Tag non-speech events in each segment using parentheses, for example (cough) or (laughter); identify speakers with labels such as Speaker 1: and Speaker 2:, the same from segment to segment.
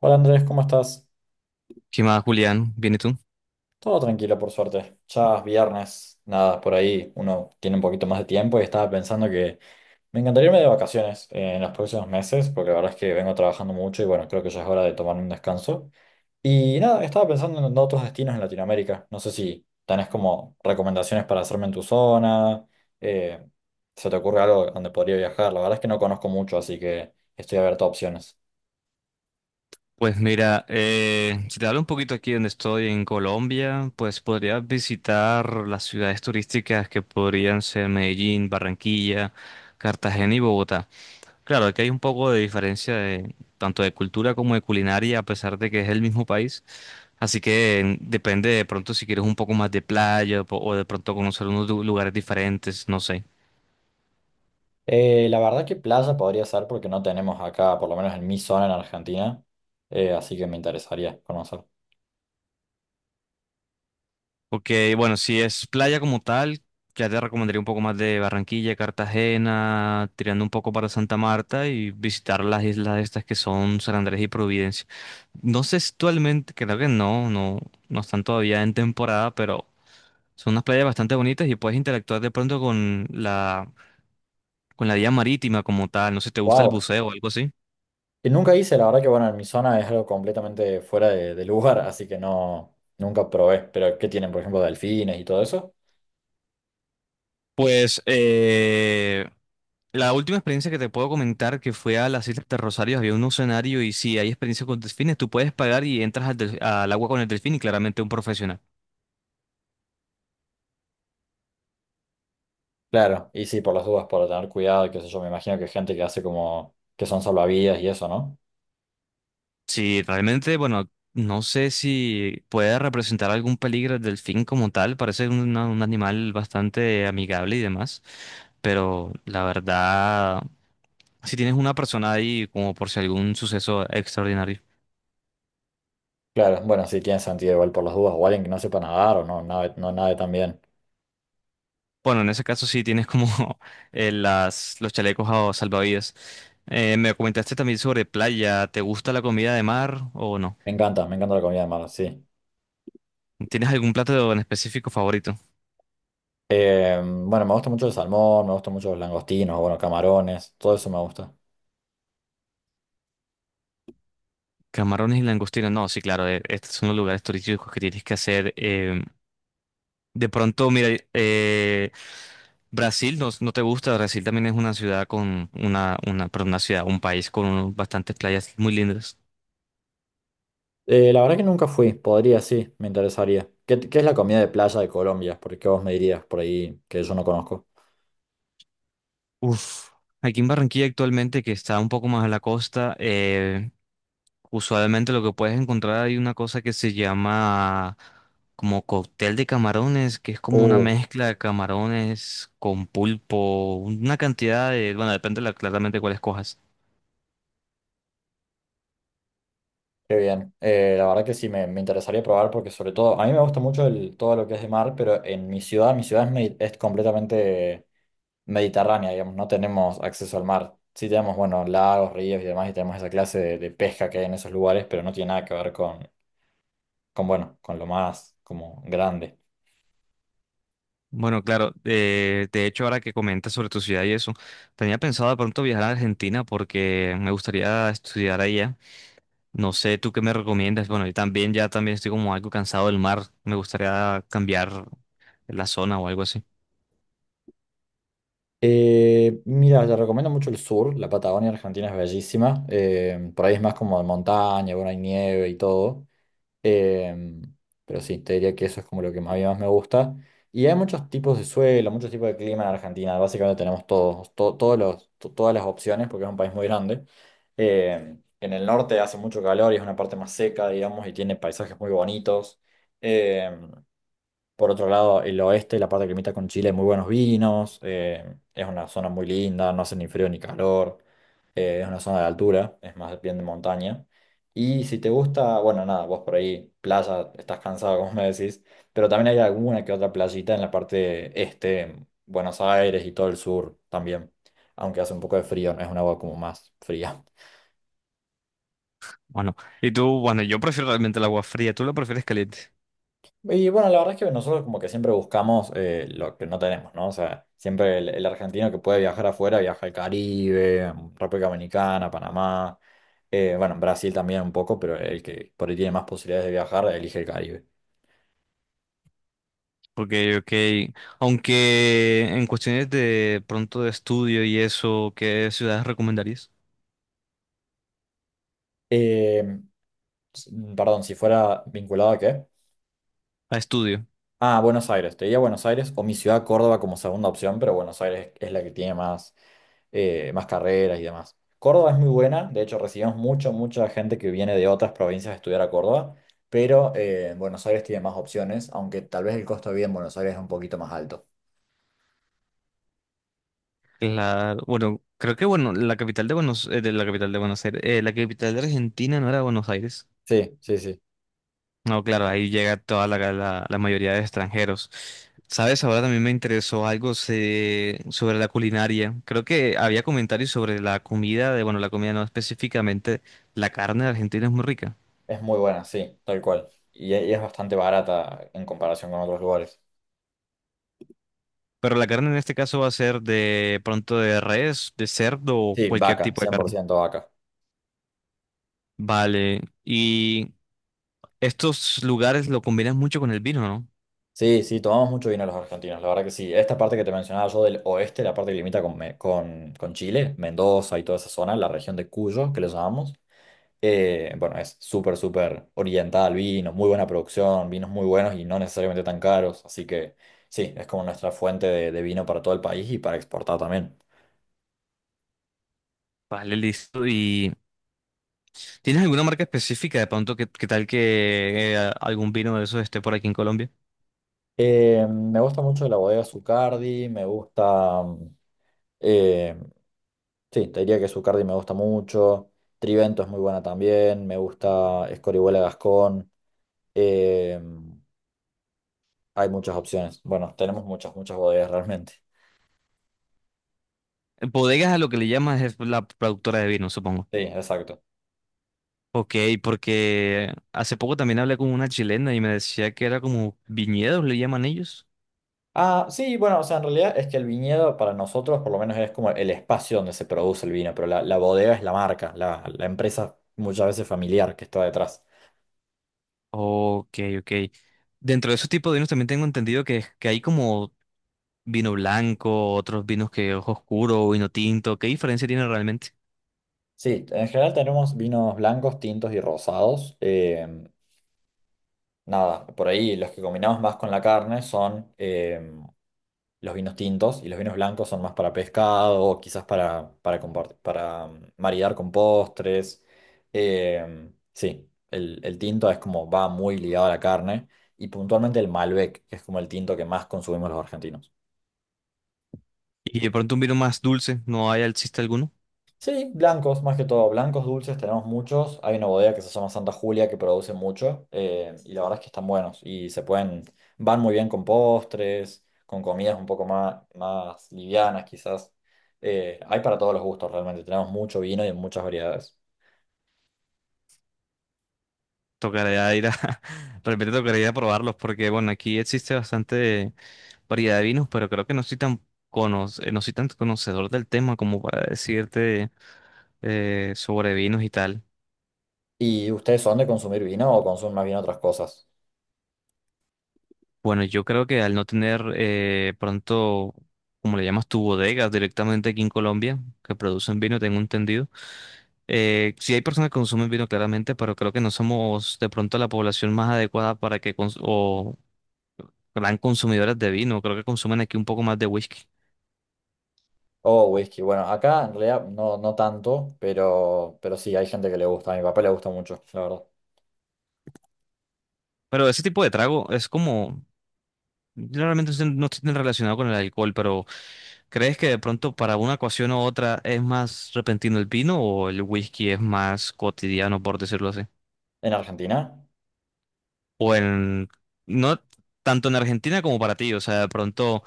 Speaker 1: Hola Andrés, ¿cómo estás?
Speaker 2: ¿Qué más, Julián? ¿Bien y tú?
Speaker 1: Todo tranquilo, por suerte. Ya es viernes, nada, por ahí uno tiene un poquito más de tiempo y estaba pensando que me encantaría irme de vacaciones en los próximos meses, porque la verdad es que vengo trabajando mucho y bueno, creo que ya es hora de tomar un descanso. Y nada, estaba pensando en otros destinos en Latinoamérica. No sé si tenés como recomendaciones para hacerme en tu zona, eh, se te ocurre algo donde podría viajar. La verdad es que no conozco mucho, así que estoy abierto a opciones.
Speaker 2: Pues mira, si te hablo un poquito aquí donde estoy en Colombia, pues podrías visitar las ciudades turísticas que podrían ser Medellín, Barranquilla, Cartagena y Bogotá. Claro, aquí hay un poco de diferencia de, tanto de cultura como de culinaria, a pesar de que es el mismo país. Así que depende de pronto si quieres un poco más de playa o de pronto conocer unos lugares diferentes, no sé.
Speaker 1: La verdad que playa podría ser porque no tenemos acá, por lo menos en mi zona en Argentina, así que me interesaría conocer.
Speaker 2: Ok, bueno, si es playa como tal, ya te recomendaría un poco más de Barranquilla, Cartagena, tirando un poco para Santa Marta y visitar las islas estas que son San Andrés y Providencia. No sé si actualmente, creo que no, no, no están todavía en temporada, pero son unas playas bastante bonitas y puedes interactuar de pronto con con la vía marítima como tal. No sé si te gusta el
Speaker 1: Wow.
Speaker 2: buceo o algo así.
Speaker 1: Que nunca hice, la verdad que bueno, en mi zona es algo completamente fuera de lugar, (laughs) así que no, nunca probé. Pero ¿qué tienen, por ejemplo, delfines y todo eso?
Speaker 2: Pues la última experiencia que te puedo comentar que fue a las Islas de Rosario, había un escenario y si hay experiencia con delfines, tú puedes pagar y entras al agua con el delfín y claramente un profesional.
Speaker 1: Claro, y sí, por las dudas, por tener cuidado, qué sé yo, me imagino que hay gente que hace como que son salvavidas y eso, ¿no?
Speaker 2: Si realmente, bueno, no sé si puede representar algún peligro el delfín como tal, parece un animal bastante amigable y demás, pero la verdad, si tienes una persona ahí como por si algún suceso extraordinario.
Speaker 1: Claro, bueno, sí, tiene sentido igual por las dudas, o alguien que no sepa nadar o no, nada, no nade tan bien.
Speaker 2: Bueno, en ese caso sí tienes como (laughs) las, los chalecos salvavidas. Me comentaste también sobre playa. ¿Te gusta la comida de mar o no?
Speaker 1: Me encanta la comida de mar, sí.
Speaker 2: ¿Tienes algún plato en específico favorito?
Speaker 1: Bueno, me gusta mucho el salmón, me gustan mucho los langostinos, bueno, camarones, todo eso me gusta.
Speaker 2: Camarones y langostinos. No, sí, claro. Estos son los lugares turísticos que tienes que hacer. De pronto, mira, Brasil no, no te gusta. Brasil también es una ciudad con perdón, una ciudad, un país con bastantes playas muy lindas.
Speaker 1: La verdad que nunca fui, podría, sí, me interesaría. ¿Qué es la comida de playa de Colombia? Porque vos me dirías por ahí que yo no conozco.
Speaker 2: Uf. Aquí en Barranquilla actualmente, que está un poco más a la costa, usualmente lo que puedes encontrar, hay una cosa que se llama como cóctel de camarones, que es como una
Speaker 1: Uh.
Speaker 2: mezcla de camarones con pulpo, una cantidad de, bueno, depende de claramente cuál escojas.
Speaker 1: Qué bien. La verdad que sí, me interesaría probar porque sobre todo, a mí me gusta mucho el, todo lo que es de mar, pero en mi ciudad es completamente mediterránea, digamos, no tenemos acceso al mar. Sí tenemos, bueno, lagos, ríos y demás, y tenemos esa clase de pesca que hay en esos lugares, pero no tiene nada que ver con bueno, con lo más como grande.
Speaker 2: Bueno, claro, de hecho ahora que comentas sobre tu ciudad y eso, tenía pensado de pronto viajar a Argentina porque me gustaría estudiar allá. No sé, ¿tú qué me recomiendas? Bueno, yo también ya también estoy como algo cansado del mar, me gustaría cambiar la zona o algo así.
Speaker 1: Mira, te recomiendo mucho el sur, la Patagonia Argentina es bellísima, por ahí es más como de montaña, bueno, hay nieve y todo, eh, pero sí, te diría que eso es como lo que más, a mí más me gusta. Y hay muchos tipos de suelo, muchos tipos de clima en Argentina, básicamente tenemos todos, to- todos los, to- todas las opciones porque es un país muy grande. En el norte hace mucho calor y es una parte más seca, digamos, y tiene paisajes muy bonitos. Eh, Por otro lado, el oeste, la parte que limita con Chile, muy buenos vinos, es una zona muy linda, no hace ni frío ni calor, es una zona de altura, es más bien de montaña. Y si te gusta, bueno, nada, vos por ahí, playa, estás cansado, (laughs) como me decís, pero también hay alguna que otra playita en la parte este, en Buenos Aires y todo el sur también, aunque hace un poco de frío, no es un agua como más fría.
Speaker 2: Bueno, y tú, bueno, yo prefiero realmente el agua fría, tú la prefieres caliente,
Speaker 1: Y bueno, la verdad es que nosotros como que siempre buscamos lo que no tenemos, ¿no? O sea, siempre el argentino que puede viajar afuera viaja al Caribe, República Dominicana, Panamá, bueno, Brasil también un poco, pero el que por ahí tiene más posibilidades de viajar elige el Caribe.
Speaker 2: porque, ok, aunque en cuestiones de pronto de estudio y eso, ¿qué ciudades recomendarías
Speaker 1: Eh, Perdón, ¿si fuera vinculado a qué?
Speaker 2: a estudio?
Speaker 1: Ah, Buenos Aires, te diría Buenos Aires o mi ciudad Córdoba como segunda opción, pero Buenos Aires es la que tiene más más carreras y demás. Córdoba es muy buena, de hecho recibimos mucha gente que viene de otras provincias a estudiar a Córdoba, pero Buenos Aires tiene más opciones, aunque tal vez el costo de vida en Buenos Aires es un poquito más alto.
Speaker 2: La, bueno, creo que, bueno, la capital de Buenos, de la capital de Buenos Aires, la capital de Argentina no era Buenos Aires.
Speaker 1: Sí, sí, sí.
Speaker 2: No, claro, ahí llega toda la mayoría de extranjeros. ¿Sabes? Ahora también me interesó algo sobre la culinaria. Creo que había comentarios sobre la comida, de, bueno, la comida no específicamente, la carne de Argentina es muy rica.
Speaker 1: Es muy buena, sí, tal cual. Y es bastante barata en comparación con otros lugares.
Speaker 2: Pero la carne en este caso va a ser de pronto de res, de cerdo o
Speaker 1: Sí,
Speaker 2: cualquier
Speaker 1: vaca,
Speaker 2: tipo de
Speaker 1: cien por
Speaker 2: carne.
Speaker 1: ciento vaca.
Speaker 2: Vale, y estos lugares lo combinan mucho con el vino, ¿no?
Speaker 1: Sí, sí, tomamos mucho vino los argentinos, la verdad que sí. Esta parte que te mencionaba yo del oeste, la parte que limita con Chile, Mendoza y toda esa zona, la región de Cuyo, que le llamamos. Bueno, es súper, súper orientada al vino, muy buena producción, vinos muy buenos y no necesariamente tan caros. Así que sí, es como nuestra fuente de vino para todo el país y para exportar también.
Speaker 2: Vale, listo. ¿Y tienes alguna marca específica de pronto que tal que algún vino de esos esté por aquí en Colombia?
Speaker 1: Me gusta mucho la bodega Zucardi, me gusta, eh, sí, te diría que Zucardi me gusta mucho. Trivento es muy buena también, me gusta Escorihuela Gascón. eh, hay muchas opciones. Bueno, tenemos muchas bodegas realmente.
Speaker 2: Bodegas a lo que le llamas es la productora de vino, supongo.
Speaker 1: Sí, exacto.
Speaker 2: Ok, porque hace poco también hablé con una chilena y me decía que era como viñedos, le llaman ellos.
Speaker 1: Ah, sí, bueno, o sea, en realidad es que el viñedo para nosotros por lo menos es como el espacio donde se produce el vino, pero la bodega es la marca, la empresa muchas veces familiar que está detrás.
Speaker 2: Ok, ok. Dentro de esos tipos de vinos también tengo entendido que hay como vino blanco, otros vinos que ojo oscuro, vino tinto. ¿Qué diferencia tiene realmente?
Speaker 1: Sí, en general tenemos vinos blancos, tintos y rosados. Nada, por ahí los que combinamos más con la carne son los vinos tintos y los vinos blancos son más para pescado o quizás para maridar con postres. Sí, el tinto es como va muy ligado a la carne y puntualmente el Malbec, que es como el tinto que más consumimos los argentinos.
Speaker 2: Y de pronto un vino más dulce, ¿no hay, existe alguno?
Speaker 1: Sí, blancos, más que todo, blancos dulces tenemos muchos. Hay una bodega que se llama Santa Julia que produce mucho y la verdad es que están buenos y se pueden, van muy bien con postres, con comidas un poco más livianas quizás. Hay para todos los gustos realmente, tenemos mucho vino y en muchas variedades.
Speaker 2: Tocaría ir a, (laughs) realmente tocaría ir a probarlos porque, bueno, aquí existe bastante variedad de vinos, pero creo que no soy tan, no soy tan conocedor del tema como para decirte sobre vinos y tal.
Speaker 1: ¿Y ustedes son de consumir vino o consumen más bien otras cosas?
Speaker 2: Bueno, yo creo que al no tener pronto, como le llamas tu bodega directamente aquí en Colombia, que producen vino, tengo entendido. Sí hay personas que consumen vino claramente, pero creo que no somos de pronto la población más adecuada para que cons- o gran consumidores de vino, creo que consumen aquí un poco más de whisky.
Speaker 1: O whisky, bueno, acá en realidad no, no tanto, pero sí, hay gente que le gusta, a mi papá le gusta mucho, la verdad.
Speaker 2: Pero ese tipo de trago es como, yo realmente no estoy tan relacionado con el alcohol, pero ¿crees que de pronto para una ocasión u otra es más repentino el vino o el whisky es más cotidiano, por decirlo así?
Speaker 1: ¿En Argentina?
Speaker 2: O en, no tanto en Argentina como para ti, o sea, de pronto,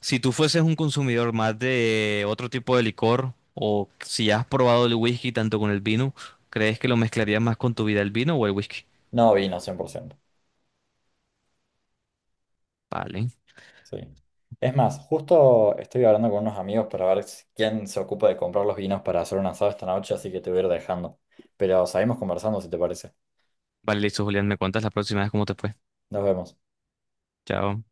Speaker 2: si tú fueses un consumidor más de otro tipo de licor o si ya has probado el whisky tanto con el vino, ¿crees que lo mezclarías más con tu vida el vino o el whisky?
Speaker 1: No, vino, 100%.
Speaker 2: Vale.
Speaker 1: Sí. Es más, justo estoy hablando con unos amigos para ver quién se ocupa de comprar los vinos para hacer un asado esta noche, así que te voy a ir dejando. Pero seguimos conversando si te parece.
Speaker 2: Vale, listo, Julián, me cuentas la próxima vez cómo te fue.
Speaker 1: Nos vemos.
Speaker 2: Chao.